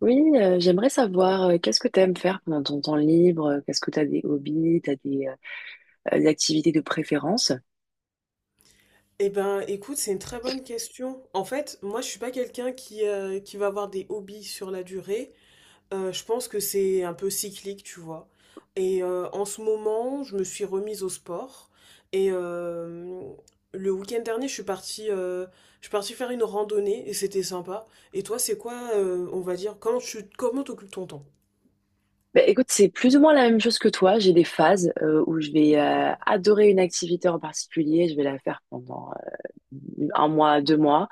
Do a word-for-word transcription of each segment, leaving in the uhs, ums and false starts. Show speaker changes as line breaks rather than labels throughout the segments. Oui, euh, j'aimerais savoir euh, qu'est-ce que tu aimes faire pendant ton temps libre, euh, qu'est-ce que tu as des hobbies, tu as des, euh, euh, des activités de préférence.
Eh ben, écoute, c'est une très bonne question. En fait, moi, je suis pas quelqu'un qui, euh, qui va avoir des hobbies sur la durée. Euh, je pense que c'est un peu cyclique, tu vois. Et euh, en ce moment, je me suis remise au sport. Et euh, le week-end dernier, je suis partie, euh, je suis partie faire une randonnée et c'était sympa. Et toi, c'est quoi, euh, on va dire, comment tu, comment t'occupes ton temps?
Ben, écoute, c'est plus ou moins la même chose que toi. J'ai des phases euh, où je vais euh, adorer une activité en particulier, je vais la faire pendant euh, un mois, deux mois,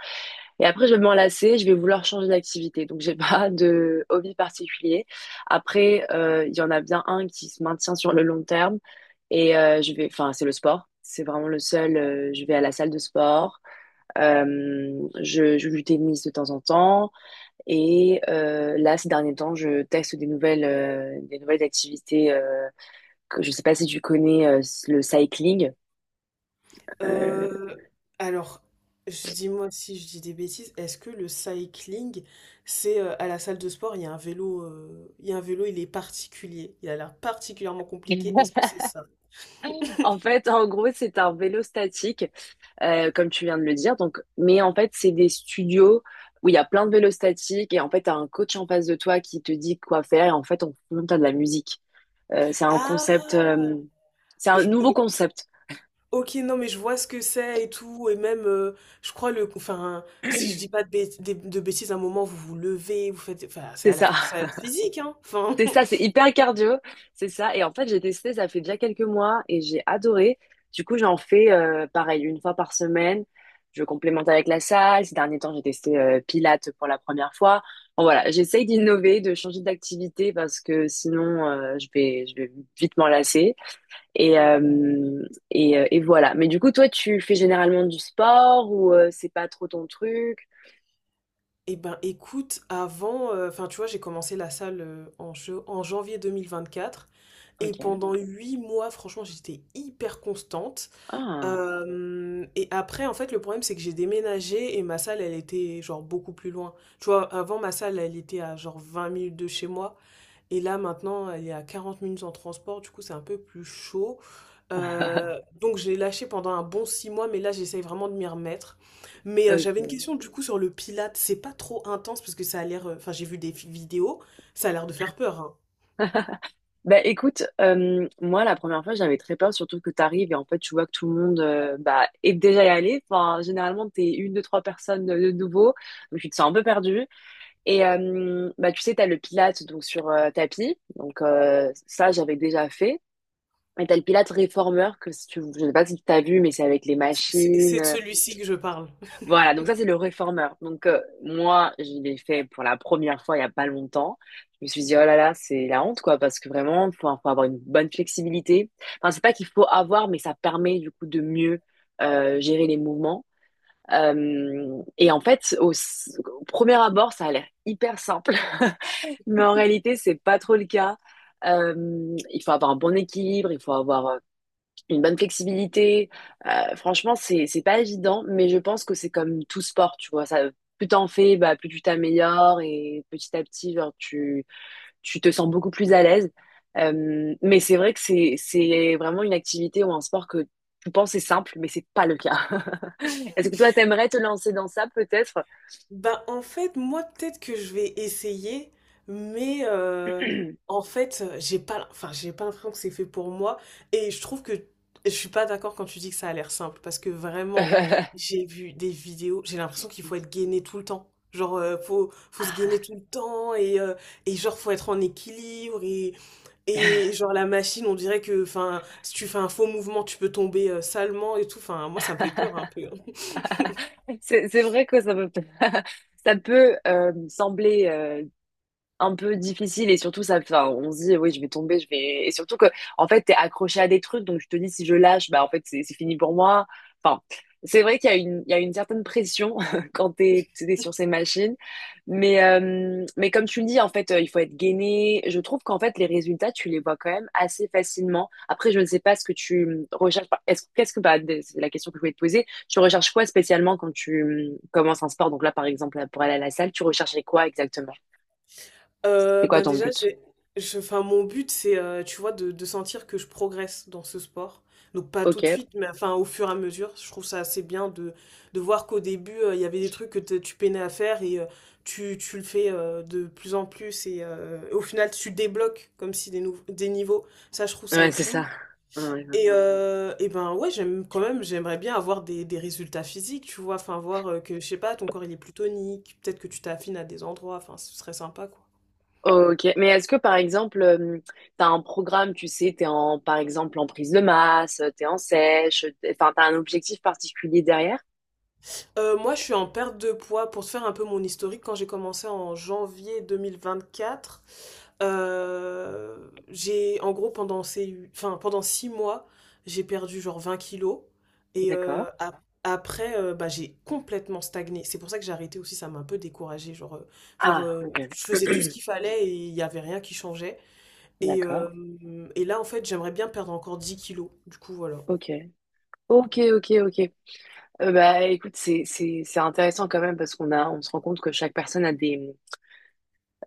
et après je vais m'en lasser, je vais vouloir changer d'activité. Donc j'ai pas de hobby particulier. Après, euh, il y en a bien un qui se maintient sur le long terme, et euh, je vais, enfin c'est le sport. C'est vraiment le seul. Euh, je vais à la salle de sport. Euh, je joue du tennis de temps en temps et euh, là, ces derniers temps, je teste des nouvelles, euh, des nouvelles activités. Euh, que je sais pas si tu connais euh, le cycling. Euh,
Euh, alors, je dis-moi si je dis des bêtises. Est-ce que le cycling, c'est euh, à la salle de sport, il y a un vélo, euh, il y a un vélo, il est particulier, il a l'air particulièrement compliqué, est-ce que c'est ça?
en fait, en gros, c'est un vélo statique, euh, comme tu viens de le dire. Donc, mais en fait, c'est des studios où il y a plein de vélos statiques et en fait, t'as un coach en face de toi qui te dit quoi faire et en fait, on monte à de la musique. Euh, c'est un concept,
Ah,
euh, c'est un
je- euh,
nouveau concept.
ok. Non, mais je vois ce que c'est et tout, et même, euh, je crois le, enfin, si je dis
C'est
pas de, bêt- des- de bêtises, à un moment vous vous levez, vous faites, enfin, ça a l'air,
ça.
ça a l'air physique, hein, enfin.
C'est ça, c'est hyper cardio, c'est ça. Et en fait, j'ai testé, ça fait déjà quelques mois et j'ai adoré. Du coup, j'en fais euh, pareil, une fois par semaine. Je complémente avec la salle. Ces derniers temps, j'ai testé euh, Pilates pour la première fois. Bon, voilà, j'essaye d'innover, de changer d'activité parce que sinon, euh, je vais, je vais vite m'en lasser. Et, euh,
Ok.
et, euh, et voilà. Mais du coup, toi, tu fais généralement du sport ou euh, c'est pas trop ton truc?
Eh ben, écoute, avant, heu, enfin, tu vois, j'ai commencé la salle, heu, en je en janvier quatre, et
Ok.
pendant huit mois, franchement, j'étais hyper constante.
Ah,
Hem et après, en fait, le problème, c'est que j'ai déménagé et ma salle, elle était, genre, beaucoup plus loin. Tu vois, avant, ma salle, elle était à, genre, vingt minutes de chez moi, et là, maintenant, elle est à quarante minutes en transport. Du coup, c'est un peu plus chaud, euh, donc j'ai lâché pendant un bon six mois, mais là j'essaye vraiment de m'y remettre. Mais euh, j'avais une
ok.
question du coup sur le Pilate. C'est pas trop intense parce que ça a l'air... euh, Enfin, j'ai vu des fi- vidéos, ça a l'air de faire peur, hein.
Bah écoute, euh, moi la première fois j'avais très peur, surtout que t'arrives et en fait tu vois que tout le monde euh, bah, est déjà y allé. Enfin, généralement t'es une, deux, trois personnes de de nouveau, donc tu te sens un peu perdu. Et euh, bah tu sais, t'as le Pilates donc sur euh, tapis, donc euh, ça j'avais déjà fait. Et t'as le Pilates réformeur que si tu, je sais pas si tu t'as vu, mais c'est avec les
C'est
machines.
c'est de
Euh,
celui-ci que je parle.
voilà, donc ça c'est le réformeur. Donc euh, moi, je l'ai fait pour la première fois il y a pas longtemps. Je me suis dit oh là là, c'est la honte quoi parce que vraiment faut, faut avoir une bonne flexibilité. Enfin, c'est pas qu'il faut avoir mais ça permet du coup de mieux euh, gérer les mouvements. Euh, et en fait, au, au premier abord, ça a l'air hyper simple, mais en réalité, c'est pas trop le cas. Euh, il faut avoir un bon équilibre, il faut avoir euh, une bonne flexibilité. Euh, franchement, c'est c'est pas évident, mais je pense que c'est comme tout sport, tu vois. Ça, plus t'en fais, bah, plus tu t'améliores et petit à petit, genre, tu tu te sens beaucoup plus à l'aise. Euh, mais c'est vrai que c'est c'est vraiment une activité ou un sport que tu penses c'est simple, mais c'est pas le cas. Est-ce que toi, t'aimerais te lancer dans ça, peut-être?
Bah, en fait, moi, peut-être que je vais essayer, mais euh, en fait, euh, j'ai pas, l- enfin, j'ai pas l'impression que c'est fait pour moi. Et je trouve que je suis pas d'accord quand tu dis que ça a l'air simple, parce que
Euh,
vraiment, j'ai vu des vidéos, j'ai l'impression qu'il faut être gainé tout le temps. Genre, euh, faut, faut se gainer tout le temps, et, euh, et genre, faut être en équilibre, et, et genre, la machine, on dirait que, enfin, si tu fais un faux mouvement, tu peux tomber euh, salement et tout. Enfin, moi, ça me fait peur un peu, hein.
C'est c'est vrai que ça peut ça peut euh, sembler euh, un peu difficile et surtout ça enfin on se dit oui je vais tomber je vais et surtout que en fait t'es accroché à des trucs donc je te dis si je lâche bah en fait c'est c'est fini pour moi enfin c'est vrai qu'il y a une il y a une certaine pression quand t'es t'es sur ces machines mais euh, mais comme tu le dis en fait euh, il faut être gainé je trouve qu'en fait les résultats tu les vois quand même assez facilement après je ne sais pas ce que tu recherches par- est-ce qu'est-ce que bah d- c'est la question que je voulais te poser tu recherches quoi spécialement quand tu euh, commences un sport donc là par exemple pour aller à la salle tu recherchais quoi exactement
Heu,
c'est quoi
ben,
ton
déjà,
but.
j'ai je enfin, mon but, c'est, heu, tu vois, de de sentir que je progresse dans ce sport. Donc pas
Ok,
tout de suite, mais enfin, au fur et à mesure. Je trouve ça assez bien de de voir qu'au début, heu, il y avait des trucs que te tu peinais à faire, et heu, tu tu le fais, heu, de plus en plus, et heu, au final, tu débloques comme si des nouv des niveaux. Ça, je trouve ça
ouais, c'est
cool.
ça. Ouais.
Et, euh, et ben ouais, j'aime quand même, j'aimerais bien avoir des, des résultats physiques, tu vois, enfin voir euh, que, je sais pas, ton corps il est plus tonique, peut-être que tu t'affines à des endroits, enfin ce serait sympa quoi.
Ok, mais est-ce que par exemple, euh, t'as un programme, tu sais, t'es en, par exemple, en prise de masse, t'es en sèche, t'es- enfin, t'as un objectif particulier derrière?
Euh, moi, je suis en perte de poids. Pour se faire un peu mon historique, quand j'ai commencé en janvier deux mille vingt-quatre, euh, j'ai, en gros, pendant ces, enfin, pendant six mois, j'ai perdu genre vingt kilos. Et
D'accord.
euh, ap- après, euh, bah, j'ai complètement stagné. C'est pour ça que j'ai arrêté aussi, ça m'a un peu découragée. Genre, euh, genre
Ah,
euh,
ok.
je faisais tout ce qu'il fallait et il n'y avait rien qui changeait. Et,
D'accord.
euh, et là, en fait, j'aimerais bien perdre encore dix kilos. Du coup, voilà.
Ok. Ok, ok, ok. Euh, bah, écoute, c'est, c'est, c'est intéressant quand même parce qu'on a, on se rend compte que chaque personne a des,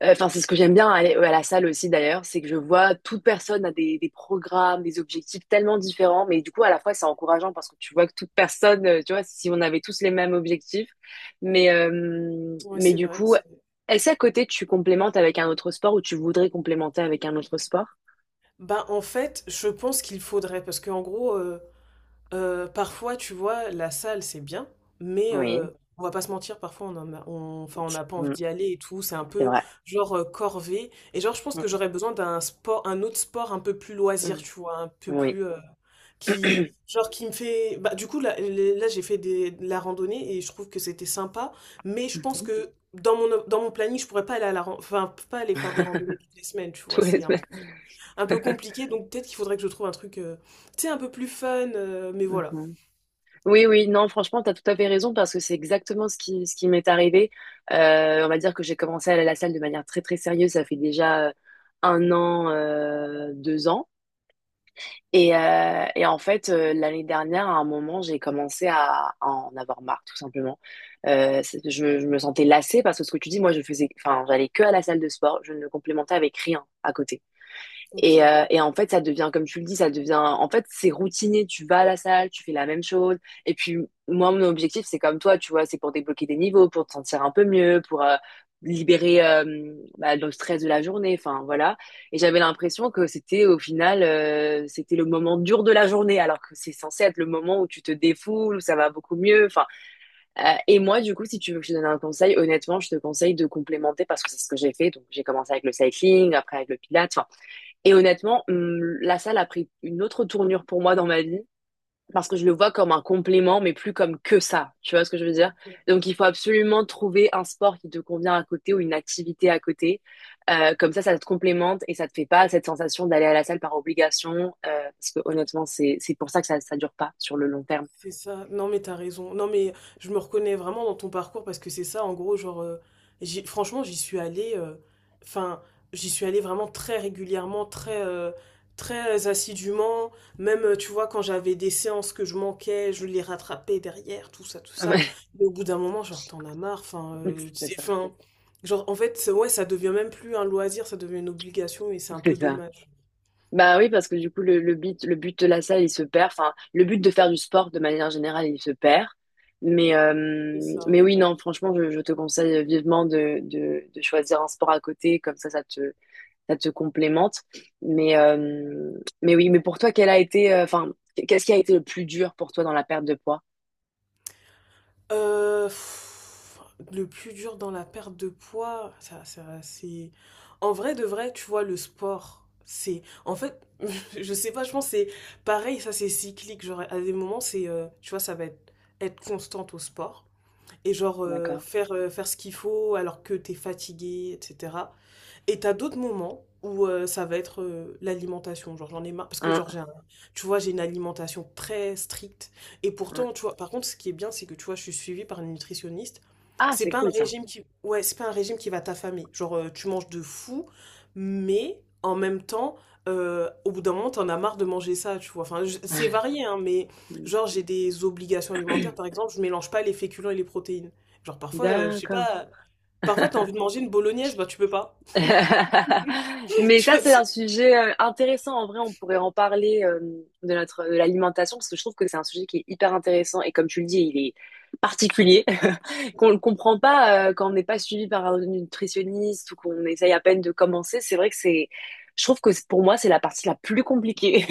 enfin, c'est ce que j'aime bien aller, à la salle aussi d'ailleurs, c'est que je vois toute personne a des des programmes, des objectifs tellement différents, mais du coup, à la fois, c'est encourageant parce que tu vois que toute personne, heu, tu vois, si on avait tous les mêmes objectifs, mais hem,
Ouais,
mais
c'est
du
vrai.
coup, est-ce à côté tu complémentes avec un autre sport ou tu voudrais complémenter avec un autre sport?
Ben en fait, je pense qu'il faudrait, parce qu'en gros, euh, euh, parfois, tu vois, la salle, c'est bien, mais euh,
Oui,
on va pas se mentir, parfois, on en a- on, enfin, on n'a pas envie
mmh,
d'y aller et tout, c'est un
c'est
peu
vrai.
genre, euh, corvée. Et genre, je pense que
Mmh,
j'aurais besoin d'un sport, un autre sport un peu plus loisir,
oui,
tu vois, un peu
oui.
plus, euh, qui, genre, qui me fait... Bah, du coup, là, là j'ai fait des, de la randonnée et je trouve que c'était sympa, mais je pense
Mmh
que dans mon, dans mon planning, je pourrais pas aller à la, ran- enfin, pas aller faire des randonnées toutes les semaines, tu
Tous
vois,
les
c'est un
semaines.
un peu compliqué, donc peut-être qu'il faudrait que je trouve un truc, euh, tu sais, un peu plus fun, euh, mais voilà.
Mmh. Oui, oui, non, franchement, tu as tout à fait raison parce que c'est exactement ce qui, ce qui m'est arrivé. Euh, on va dire que j'ai commencé à aller à la salle de manière très, très sérieuse. Ça fait déjà euh, un an, euh, deux ans. Et, euh, et en fait, euh, l'année dernière, à un moment, j'ai commencé à, à en avoir marre, tout simplement. Euh, c'est- je, je me sentais lassée parce que ce que tu dis, moi, je faisais, enfin, j'allais que à la salle de sport. Je ne complémentais avec rien à côté.
Ok.
Et, euh, et en fait, ça devient, comme tu le dis, ça devient, en fait, c'est routinier. Tu vas à la salle, tu fais la même chose. Et puis, moi, mon objectif, c'est comme toi, tu vois, c'est pour débloquer des niveaux, pour te sentir un peu mieux, pour euh, libérer euh, bah, le stress de la journée. Enfin, voilà. Et j'avais l'impression que c'était, au final, euh, c'était le moment dur de la journée, alors que c'est censé être le moment où tu te défoules, où ça va beaucoup mieux. Enfin, euh, et moi, du coup, si tu veux que je te donne un conseil, honnêtement, je te conseille de complémenter parce que c'est ce que j'ai fait. Donc, j'ai commencé avec le cycling, après avec le pilates. Enfin, et honnêtement, hum, la salle a pris une autre tournure pour moi dans ma vie parce que je le vois comme un complément, mais plus comme que ça. Tu vois ce que je veux dire?
Ok.
Donc, il faut absolument trouver un sport qui te convient à côté ou une activité à côté. Euh, comme ça, ça te complémente et ça te fait pas cette sensation d'aller à la salle par obligation. Euh, parce que honnêtement, c'est c'est pour ça que ça ça dure pas sur le long terme.
C'est ça. Non, mais t'as raison. Non, mais je me reconnais vraiment dans ton parcours parce que c'est ça, en gros, genre, euh, j'y- franchement, j'y suis allée, euh, enfin, j'y suis allée vraiment très régulièrement, très, euh, très assidûment. Même, euh, tu vois, quand j'avais des séances que je manquais, je les rattrapais derrière, tout ça, tout ça. Mais au bout d'un moment, genre, t'en as marre. Enfin,
Ouais,
euh,
c'est
c'est-
ça,
enfin, genre, en fait, c'est- ouais, ça devient même plus un loisir, ça devient une obligation et c'est un
c'est
peu
ça.
dommage.
Bah oui, parce que du coup, le, le but, le but de la salle, il se perd. Enfin, le but de faire du sport de manière générale, il se perd. Mais,
C'est
euh,
ça.
mais oui, non, franchement, je, je te conseille vivement de, de, de choisir un sport à côté, comme ça, ça te, ça te complémente. Mais, euh, mais oui, mais pour toi, quel a été, euh, enfin, qu'est-ce qui a été le plus dur pour toi dans la perte de poids?
Heu, le plus dur dans la perte de poids, ça ça c'est en vrai de vrai, tu vois, le sport, c'est en fait, je sais pas, je pense que c'est pareil, ça c'est cyclique, genre à des moments c'est, heu, tu vois, ça va être être constante au sport, et genre, heu,
D'accord.
faire, heu, faire ce qu'il faut alors que t'es fatigué, fatiguée et cetera. Et t'as d'autres moments où, heu, ça va être, heu, l'alimentation. Genre, j'en ai marre parce que
Hein,
genre j'ai un tu vois, j'ai une alimentation très stricte, et
hein.
pourtant, tu vois, par contre, ce qui est bien, c'est que, tu vois, je suis suivie par une nutritionniste.
Ah,
C'est
c'est
pas un
cool ça.
régime qui ouais, c'est pas un régime qui va t'affamer. Genre, heu, tu manges de fou, mais en même temps, heu, au bout d'un moment, t'en as marre de manger ça, tu vois? Enfin, je c'est varié, hein, mais genre, j'ai des obligations alimentaires. Par exemple, je mélange pas les féculents et les protéines. Genre, parfois, heu, je sais
D'accord.
pas, parfois, t'as envie de manger une bolognaise, bah, tu peux pas.
Mais
Tu
ça,
vois,
c'est
c'est
un sujet euh, intéressant. En vrai, on pourrait en parler euh, de notre de l'alimentation parce que je trouve que c'est un sujet qui est hyper intéressant et comme tu le dis, il est particulier qu'on ne comprend pas euh, quand on n'est pas suivi par un nutritionniste ou qu'on essaye à peine de commencer. C'est vrai que c'est, je trouve que c'est- pour moi, c'est la partie la plus compliquée.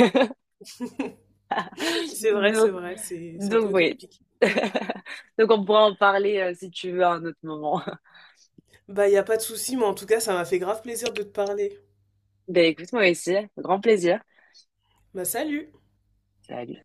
c'est vrai, c'est
Donc,
vrai, c'est c'est un
donc
peu
oui.
compliqué.
Donc on pourra en parler euh, si tu veux à un autre moment.
Bah, il a pas de souci, mais en tout cas, ça m'a fait grave plaisir de te parler.
Ben écoute, moi aussi, grand plaisir.
Bah, salut!
Salut.